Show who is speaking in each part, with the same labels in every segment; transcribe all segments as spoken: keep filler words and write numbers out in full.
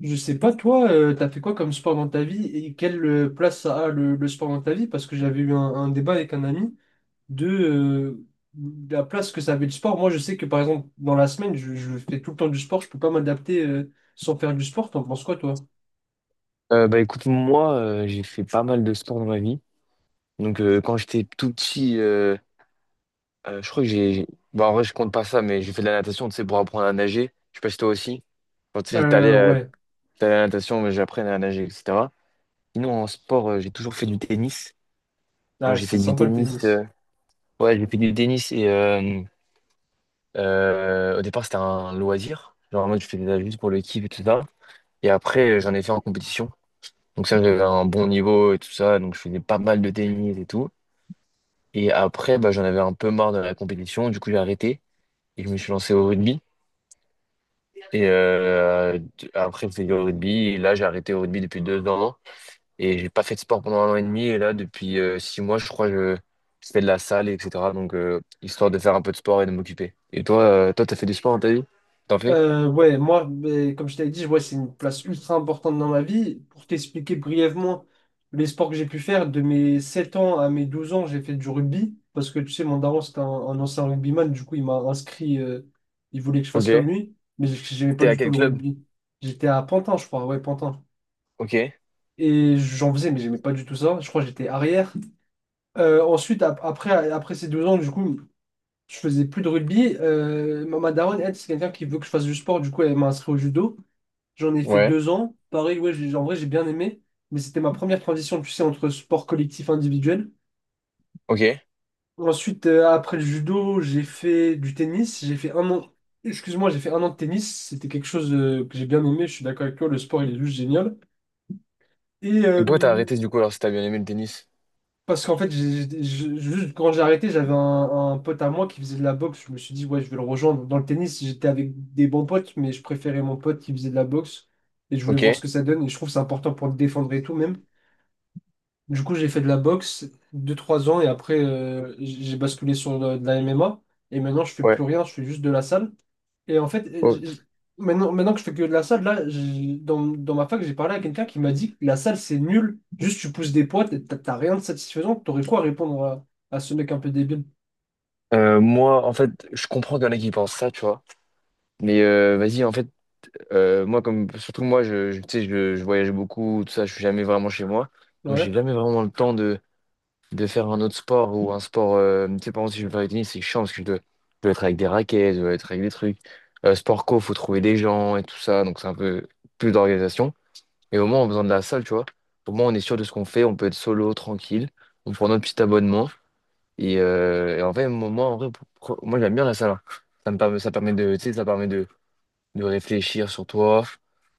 Speaker 1: Je sais pas, toi, euh, t'as fait quoi comme sport dans ta vie et quelle euh, place ça a le, le sport dans ta vie? Parce que j'avais eu un, un débat avec un ami de euh, la place que ça avait le sport. Moi, je sais que par exemple, dans la semaine, je, je fais tout le temps du sport, je peux pas m'adapter euh, sans faire du sport. T'en penses quoi, toi?
Speaker 2: Euh, bah écoute, moi, euh, j'ai fait pas mal de sport dans ma vie. Donc, euh, quand j'étais tout petit, euh, euh, je crois que j'ai. j'ai- bah, en vrai, je compte pas ça, mais j'ai fait de la natation, tu sais, pour apprendre à nager. Je sais pas si toi aussi. Quand tu sais,
Speaker 1: Euh,
Speaker 2: t'allais à...
Speaker 1: ouais.
Speaker 2: t'allais à la natation, mais j'apprenais à nager, et cetera. Sinon, en sport, euh, j'ai toujours fait du tennis. Donc,
Speaker 1: Ah,
Speaker 2: j'ai fait
Speaker 1: c'est
Speaker 2: du
Speaker 1: sympa le
Speaker 2: tennis. euh,
Speaker 1: tennis.
Speaker 2: Ouais, j'ai fait du tennis et euh, euh, au départ, c'était un loisir. Genre, moi, je faisais ça juste pour le kiff et tout ça. Et après, euh, j'en ai fait en compétition. Donc, ça, j'avais un bon niveau et tout ça. Donc, je faisais pas mal de tennis et tout. Et après, bah, j'en avais un peu marre de la compétition. Du coup, j'ai arrêté et je me suis lancé au rugby. Et euh, d- après, j'ai fait du rugby. Et là, j'ai arrêté au rugby depuis deux ans. Et j'ai pas fait de sport pendant un an et demi. Et là, depuis euh, six mois, je crois, je, je fais de la salle, et cetera. Donc, euh, histoire de faire un peu de sport et de m'occuper. Et toi, euh, toi, t'as fait du sport dans ta vie? T'en fais?
Speaker 1: Euh, ouais, moi, ben, comme je t'avais dit, ouais, c'est une place ultra importante dans ma vie. Pour t'expliquer brièvement les sports que j'ai pu faire, de mes sept ans à mes douze ans, j'ai fait du rugby. Parce que tu sais, mon daron, c'était un, un ancien rugbyman. Du coup, il m'a inscrit. Euh, il voulait que je fasse comme
Speaker 2: Ok.
Speaker 1: lui. Mais j- j'aimais pas
Speaker 2: T'es à
Speaker 1: du tout
Speaker 2: quel
Speaker 1: le
Speaker 2: club?
Speaker 1: rugby. J'étais à Pantin, je crois. Ouais, Pantin.
Speaker 2: Ok.
Speaker 1: Et j'en faisais, mais j'aimais pas du tout ça. Je crois que j'étais arrière. Euh, ensuite, ap- après, après ces deux ans, du coup, je faisais plus de rugby. Euh, ma ma daronne, elle, c'est quelqu'un qui veut que je fasse du sport. Du coup, elle m'a inscrit au judo. J'en ai fait
Speaker 2: Ouais.
Speaker 1: deux ans. Pareil, ouais, j'ai- en vrai, j'ai bien aimé. Mais c'était ma première transition, tu sais, entre sport collectif et individuel.
Speaker 2: Ok. Et
Speaker 1: Ensuite, euh, après le judo, j'ai fait du tennis. J'ai fait un an, excuse-moi, j'ai fait un an de tennis. C'était quelque chose euh, que j'ai bien aimé. Je suis d'accord avec toi, le sport, il est juste génial. Et
Speaker 2: pourquoi t'as
Speaker 1: euh,
Speaker 2: arrêté du coup alors si t'as bien aimé le tennis?
Speaker 1: parce qu'en fait, j'ai- j'ai- j'ai- juste quand j'ai arrêté, j'avais un, un pote à moi qui faisait de la boxe. Je me suis dit, ouais, je vais le rejoindre. Dans le tennis, j'étais avec des bons potes, mais je préférais mon pote qui faisait de la boxe. Et je voulais
Speaker 2: Ok.
Speaker 1: voir ce que ça donne. Et je trouve que c'est important pour te défendre et tout, même. Du coup, j'ai fait de la boxe deux trois ans et après, euh, j- j'ai basculé sur de, de la M M A. Et maintenant, je fais
Speaker 2: Ouais.
Speaker 1: plus rien, je fais juste de la salle. Et en fait, euh,
Speaker 2: Oh.
Speaker 1: j- j- maintenant, maintenant que je fais que de la salle, là, j- dans, dans ma fac, j'ai parlé à quelqu'un qui m'a dit que la salle, c'est nul. Juste, tu pousses des poids, t'as t'as rien de satisfaisant. T'aurais quoi à répondre à, à ce mec un peu débile?
Speaker 2: Euh, moi, en fait, je comprends qu'il y en a qui pensent ça, tu vois. Mais euh, vas-y, en fait, euh, moi, comme surtout moi, je, je- tu sais, je, je voyage beaucoup, tout ça, je suis jamais vraiment chez moi. Donc,
Speaker 1: Ouais.
Speaker 2: j'ai jamais vraiment le temps de, de faire un autre sport ou un sport. Euh, tu sais, par exemple, si je veux faire du tennis, c'est chiant parce que je dois, je dois être avec des raquettes, je dois être avec des trucs. Euh, sport co, faut trouver des gens et tout ça. Donc, c'est un peu plus d'organisation. Mais au moins, on a besoin de la salle, tu vois. Au moins, on est sûr de ce qu'on fait, on peut être solo, tranquille. On prend notre petit abonnement. Et, euh, et en fait, moi, en vrai, pour- pour- moi, j'aime bien la salle, hein. Ça me permet, ça permet de, tu sais, ça permet de de réfléchir sur toi,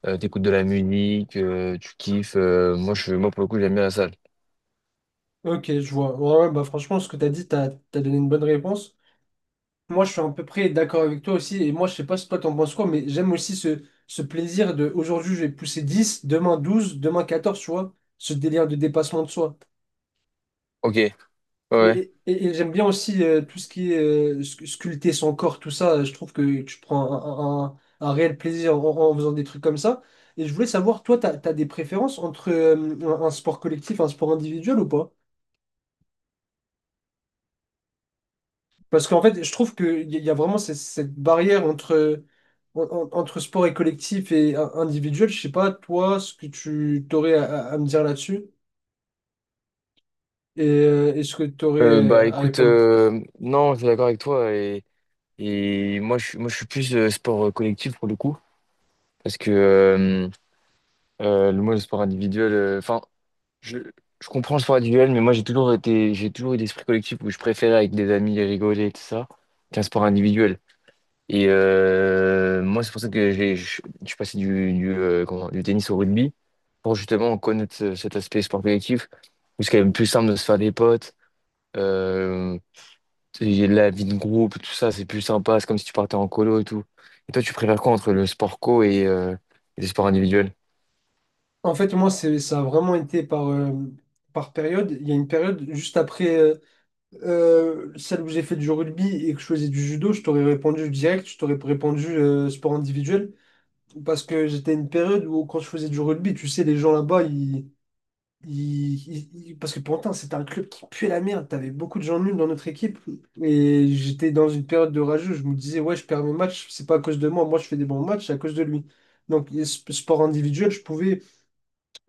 Speaker 2: euh, t'écoutes de la musique, euh, tu kiffes. Euh, moi, je, moi, pour le coup, j'aime bien la salle.
Speaker 1: Ok, je vois. Ouais, ouais, bah franchement, ce que t'as dit, t'as, t'as donné une bonne réponse. Moi, je suis à peu près d'accord avec toi aussi. Et moi, je sais pas si toi, t'en penses quoi, mais j'aime aussi ce, ce plaisir de aujourd'hui, je vais pousser dix. Demain douze. Demain quatorze. Tu vois, ce délire de dépassement de soi.
Speaker 2: Ok, ouais.
Speaker 1: Mais,
Speaker 2: Ouais.
Speaker 1: et, et- et j'aime bien aussi euh, tout ce qui est euh, sc- sculpter son corps, tout ça. Je trouve que tu prends un, un- un- un réel plaisir en, en faisant des trucs comme ça. Et je voulais savoir, toi, t'as, t'as des préférences entre euh, un un sport collectif, un sport individuel ou pas? Parce qu'en fait, je trouve qu'il y y a vraiment cette, cette barrière entre, en- en- entre sport et collectif et in- individuel. Je sais pas, toi, ce que tu t'aurais à, à- à me dire là-dessus et, euh, et ce que tu
Speaker 2: Euh,
Speaker 1: aurais
Speaker 2: bah
Speaker 1: à
Speaker 2: écoute,
Speaker 1: répondre.
Speaker 2: euh, non, je suis d'accord avec toi, et, et moi, je, suis- moi, je suis plus euh, sport euh, collectif pour le coup parce que euh, euh, le moi le sport individuel, euh, enfin je, je comprends le sport individuel, mais moi, j'ai toujours été j'ai toujours eu l'esprit collectif, où je préférais avec des amis rigoler et tout ça qu'un sport individuel. Et euh, moi, c'est pour ça que j'ai, je je suis passé du, du, euh, comment- du tennis au rugby, pour justement connaître ce- cet aspect sport collectif, où c'est quand même plus simple de se faire des potes, euh, et la vie de groupe, tout ça, c'est plus sympa, c'est comme si tu partais en colo et tout. Et toi, tu préfères quoi entre le sport co et, euh, et les sports individuels?
Speaker 1: En fait, moi, c'est, ça a vraiment été par, euh, par période. Il y a une période juste après euh, euh, celle où j'ai fait du rugby et que je faisais du judo, je t'aurais répondu direct, je t'aurais répondu euh, sport individuel. Parce que j'étais à une période où quand je faisais du rugby, tu sais, les gens là-bas, ils il- il- il- parce que pourtant c'était un club qui puait la merde. T'avais beaucoup de gens nuls dans notre équipe. Et j'étais dans une période de rageux. Je me disais, ouais, je perds mes matchs. C'est pas à cause de moi. Moi, je fais des bons matchs, c'est à cause de lui. Donc, et sp- sport individuel, je pouvais,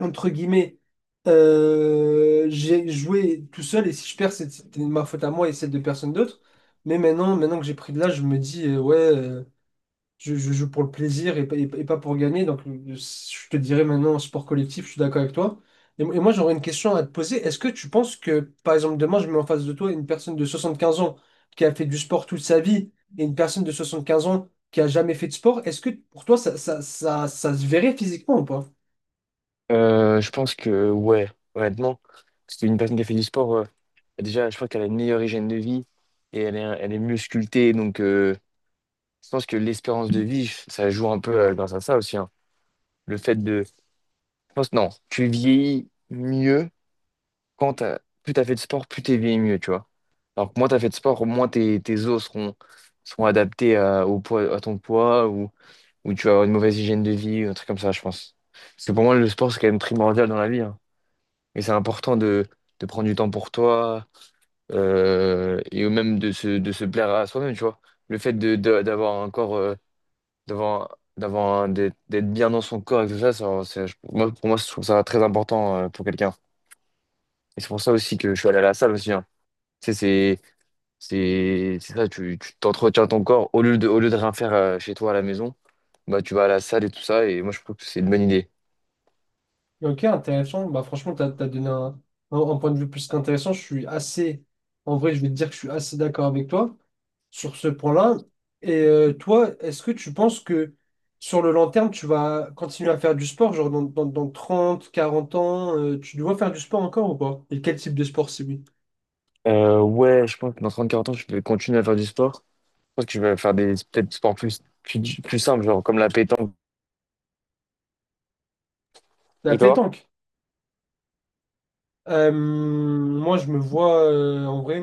Speaker 1: entre guillemets, euh, j'ai joué tout seul. Et si je perds, c'est- c'était ma faute à moi et celle de personne d'autre. Mais maintenant, maintenant que j'ai pris de l'âge, je me dis, euh, ouais. euh, je, je joue pour le plaisir et, pas et pas- et pas pour gagner. Donc, le- le- je te dirais maintenant, sport collectif, je suis d'accord avec toi. Et, mo- et moi, j'aurais une question à te poser. Est-ce que tu penses que, par exemple, demain, je mets en face de toi une personne de soixante-quinze ans qui a fait du sport toute sa vie et une personne de soixante-quinze ans qui a jamais fait de sport, est-ce que pour toi, ça, ça, ça, ça se verrait physiquement ou pas?
Speaker 2: Euh, je pense que, ouais, honnêtement, parce qu'une personne qui a fait du sport, euh, déjà, je crois qu'elle a une meilleure hygiène de vie, et elle est, elle est mieux sculptée, donc. Je pense que l'espérance de vie, ça joue un peu euh, grâce à ça aussi, hein. Le fait de. Je pense, non, tu vieillis mieux quand t'as... plus t'as fait de sport, plus t'es vieilli mieux, tu vois. Alors que moins t'as fait de sport, moins tes, tes os seront, seront adaptés à, au poids, à ton poids, ou, ou tu vas avoir une mauvaise hygiène de vie, un truc comme ça, je pense. Parce que pour moi, le sport, c'est quand même primordial dans la vie, hein. Et c'est important de, de prendre du temps pour toi euh, et même de se, de se plaire à soi-même, tu vois. Le fait de, de- d'avoir un corps. Euh, devant d'avoir d'être d'être bien dans son corps et tout ça, ça- c'est- je- moi, pour moi, je trouve ça très important euh, pour quelqu'un. Et c'est pour ça aussi que je suis allé à la salle aussi, hein. Tu sais, c'est c'est c'est ça, tu tu t'entretiens ton corps au lieu de au lieu de rien faire euh, chez toi à la maison, bah tu vas à la salle et tout ça. Et moi, je trouve que c'est une bonne idée.
Speaker 1: Ok, intéressant. Bah, franchement, tu as, donné un, un- un point de vue plus qu'intéressant. Je suis assez, en vrai, je vais te dire que je suis assez d'accord avec toi sur ce point-là. Et euh, toi, est-ce que tu penses que sur le long terme, tu vas continuer à faire du sport, genre dans, dans, dans trente quarante ans, euh, tu dois faire du sport encore ou pas? Et quel type de sport, si oui?
Speaker 2: Euh, ouais, je pense que dans trente-quarante ans, je vais continuer à faire du sport. Je pense que je vais faire des peut-être des sports plus plus, plus simples, genre comme la pétanque.
Speaker 1: La
Speaker 2: Et toi?
Speaker 1: pétanque. Euh, moi, je me vois euh, en vrai,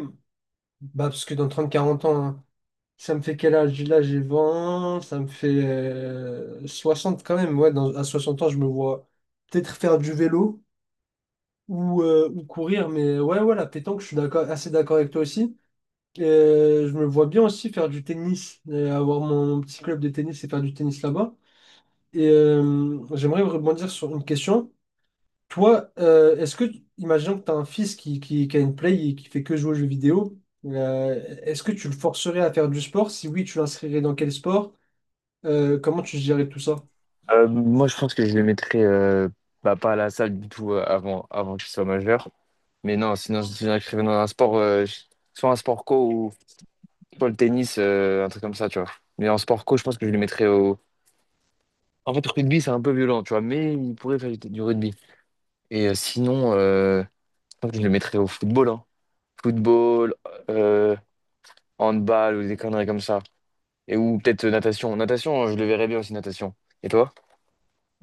Speaker 1: bah, parce que dans trente quarante ans, hein, ça me fait quel âge? Là, j'ai vingt ça me fait euh, soixante quand même. Ouais, dans- à soixante ans, je me vois peut-être faire du vélo ou, euh, ou courir, mais ouais, ouais, la pétanque, je suis d'accord, assez d'accord avec toi aussi. Euh, je me vois bien aussi faire du tennis, euh, avoir mon, mon petit club de tennis et faire du tennis là-bas. Et euh, j'aimerais rebondir sur une question. Toi, euh, est-ce que, imaginons que tu as un fils qui, qui, qui a une play et qui fait que jouer aux jeux vidéo, euh, est-ce que tu le forcerais à faire du sport? Si oui, tu l'inscrirais dans quel sport? Euh, comment tu gérerais tout ça?
Speaker 2: Euh, moi, je pense que je les mettrais euh, bah, pas à la salle du tout euh, avant avant que je sois majeur. Mais non, sinon je m'inscrivais dans un sport, euh, je- soit un sport co, ou soit le tennis, euh, un truc comme ça, tu vois. Mais en sport co, je pense que je le mettrais au. En fait, rugby, c'est un peu violent, tu vois, mais il pourrait faire du rugby. Et euh, sinon, euh, je pense que je le mettrais au football, hein. Football, euh, handball ou des conneries comme ça. Et ou peut-être euh, natation. Natation, je le verrais bien aussi, natation. Et toi?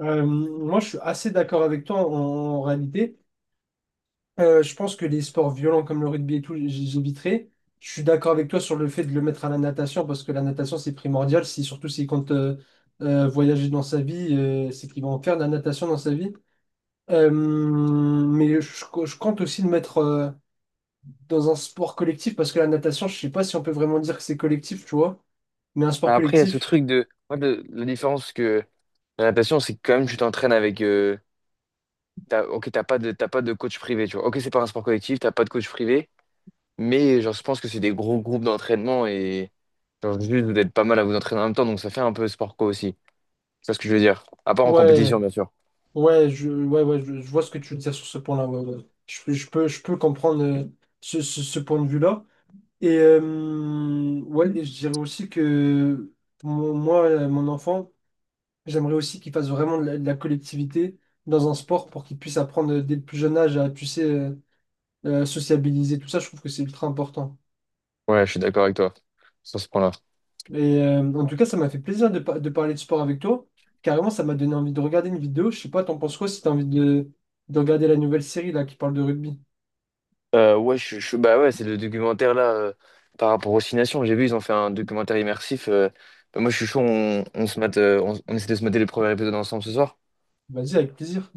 Speaker 1: Euh, moi, je suis assez d'accord avec toi en, en réalité. Euh, je pense que les sports violents comme le rugby et tout, j- j'éviterai. Je suis d'accord avec toi sur le fait de le mettre à la natation parce que la natation, c'est primordial. Si, surtout s'il compte euh, euh, voyager dans sa vie, euh, c'est qu'il va en faire de la natation dans sa vie. Euh, mais je, je compte aussi le mettre euh, dans un sport collectif parce que la natation, je sais pas si on peut vraiment dire que c'est collectif, tu vois. Mais un sport
Speaker 2: Après, il y a ce
Speaker 1: collectif,
Speaker 2: truc de. Moi, le- la différence que la natation, c'est que quand même, tu t'entraînes avec. euh, T'as, ok, t'as pas de, t'as pas de coach privé, tu vois. Ok, c'est pas un sport collectif, t'as pas de coach privé, mais genre, je pense que c'est des gros groupes d'entraînement et genre, juste vous êtes pas mal à vous entraîner en même temps, donc ça fait un peu sport co aussi. C'est ça ce que je veux dire. À part en compétition,
Speaker 1: ouais,
Speaker 2: bien sûr.
Speaker 1: ouais, je, ouais, ouais, je, je vois ce que tu veux dire sur ce point-là. Ouais, ouais. Je, je peux, je peux comprendre euh, ce, ce ce point de vue-là. Et euh, ouais, et je dirais aussi que mon- moi, euh, mon enfant, j'aimerais aussi qu'il fasse vraiment de la, de la collectivité dans un sport pour qu'il puisse apprendre dès le plus jeune âge à, tu sais, euh, euh, sociabiliser, tout ça, je trouve que c'est ultra important.
Speaker 2: Ouais, je suis d'accord avec toi sur ce point-là.
Speaker 1: Et euh, en tout cas, ça m'a fait plaisir de, par- de parler de sport avec toi. Carrément, ça m'a donné envie de regarder une vidéo. Je sais pas, t'en penses quoi si t'as envie de, de regarder la nouvelle série là qui parle de rugby?
Speaker 2: Euh, ouais, je, je- bah ouais, c'est le documentaire là euh, par rapport aux Six Nations. J'ai vu, ils ont fait un documentaire immersif. Euh, bah moi, je suis chaud, on, on se mate, euh, on, on essaie de se mater le premier épisode ensemble ce soir.
Speaker 1: Vas-y, avec plaisir.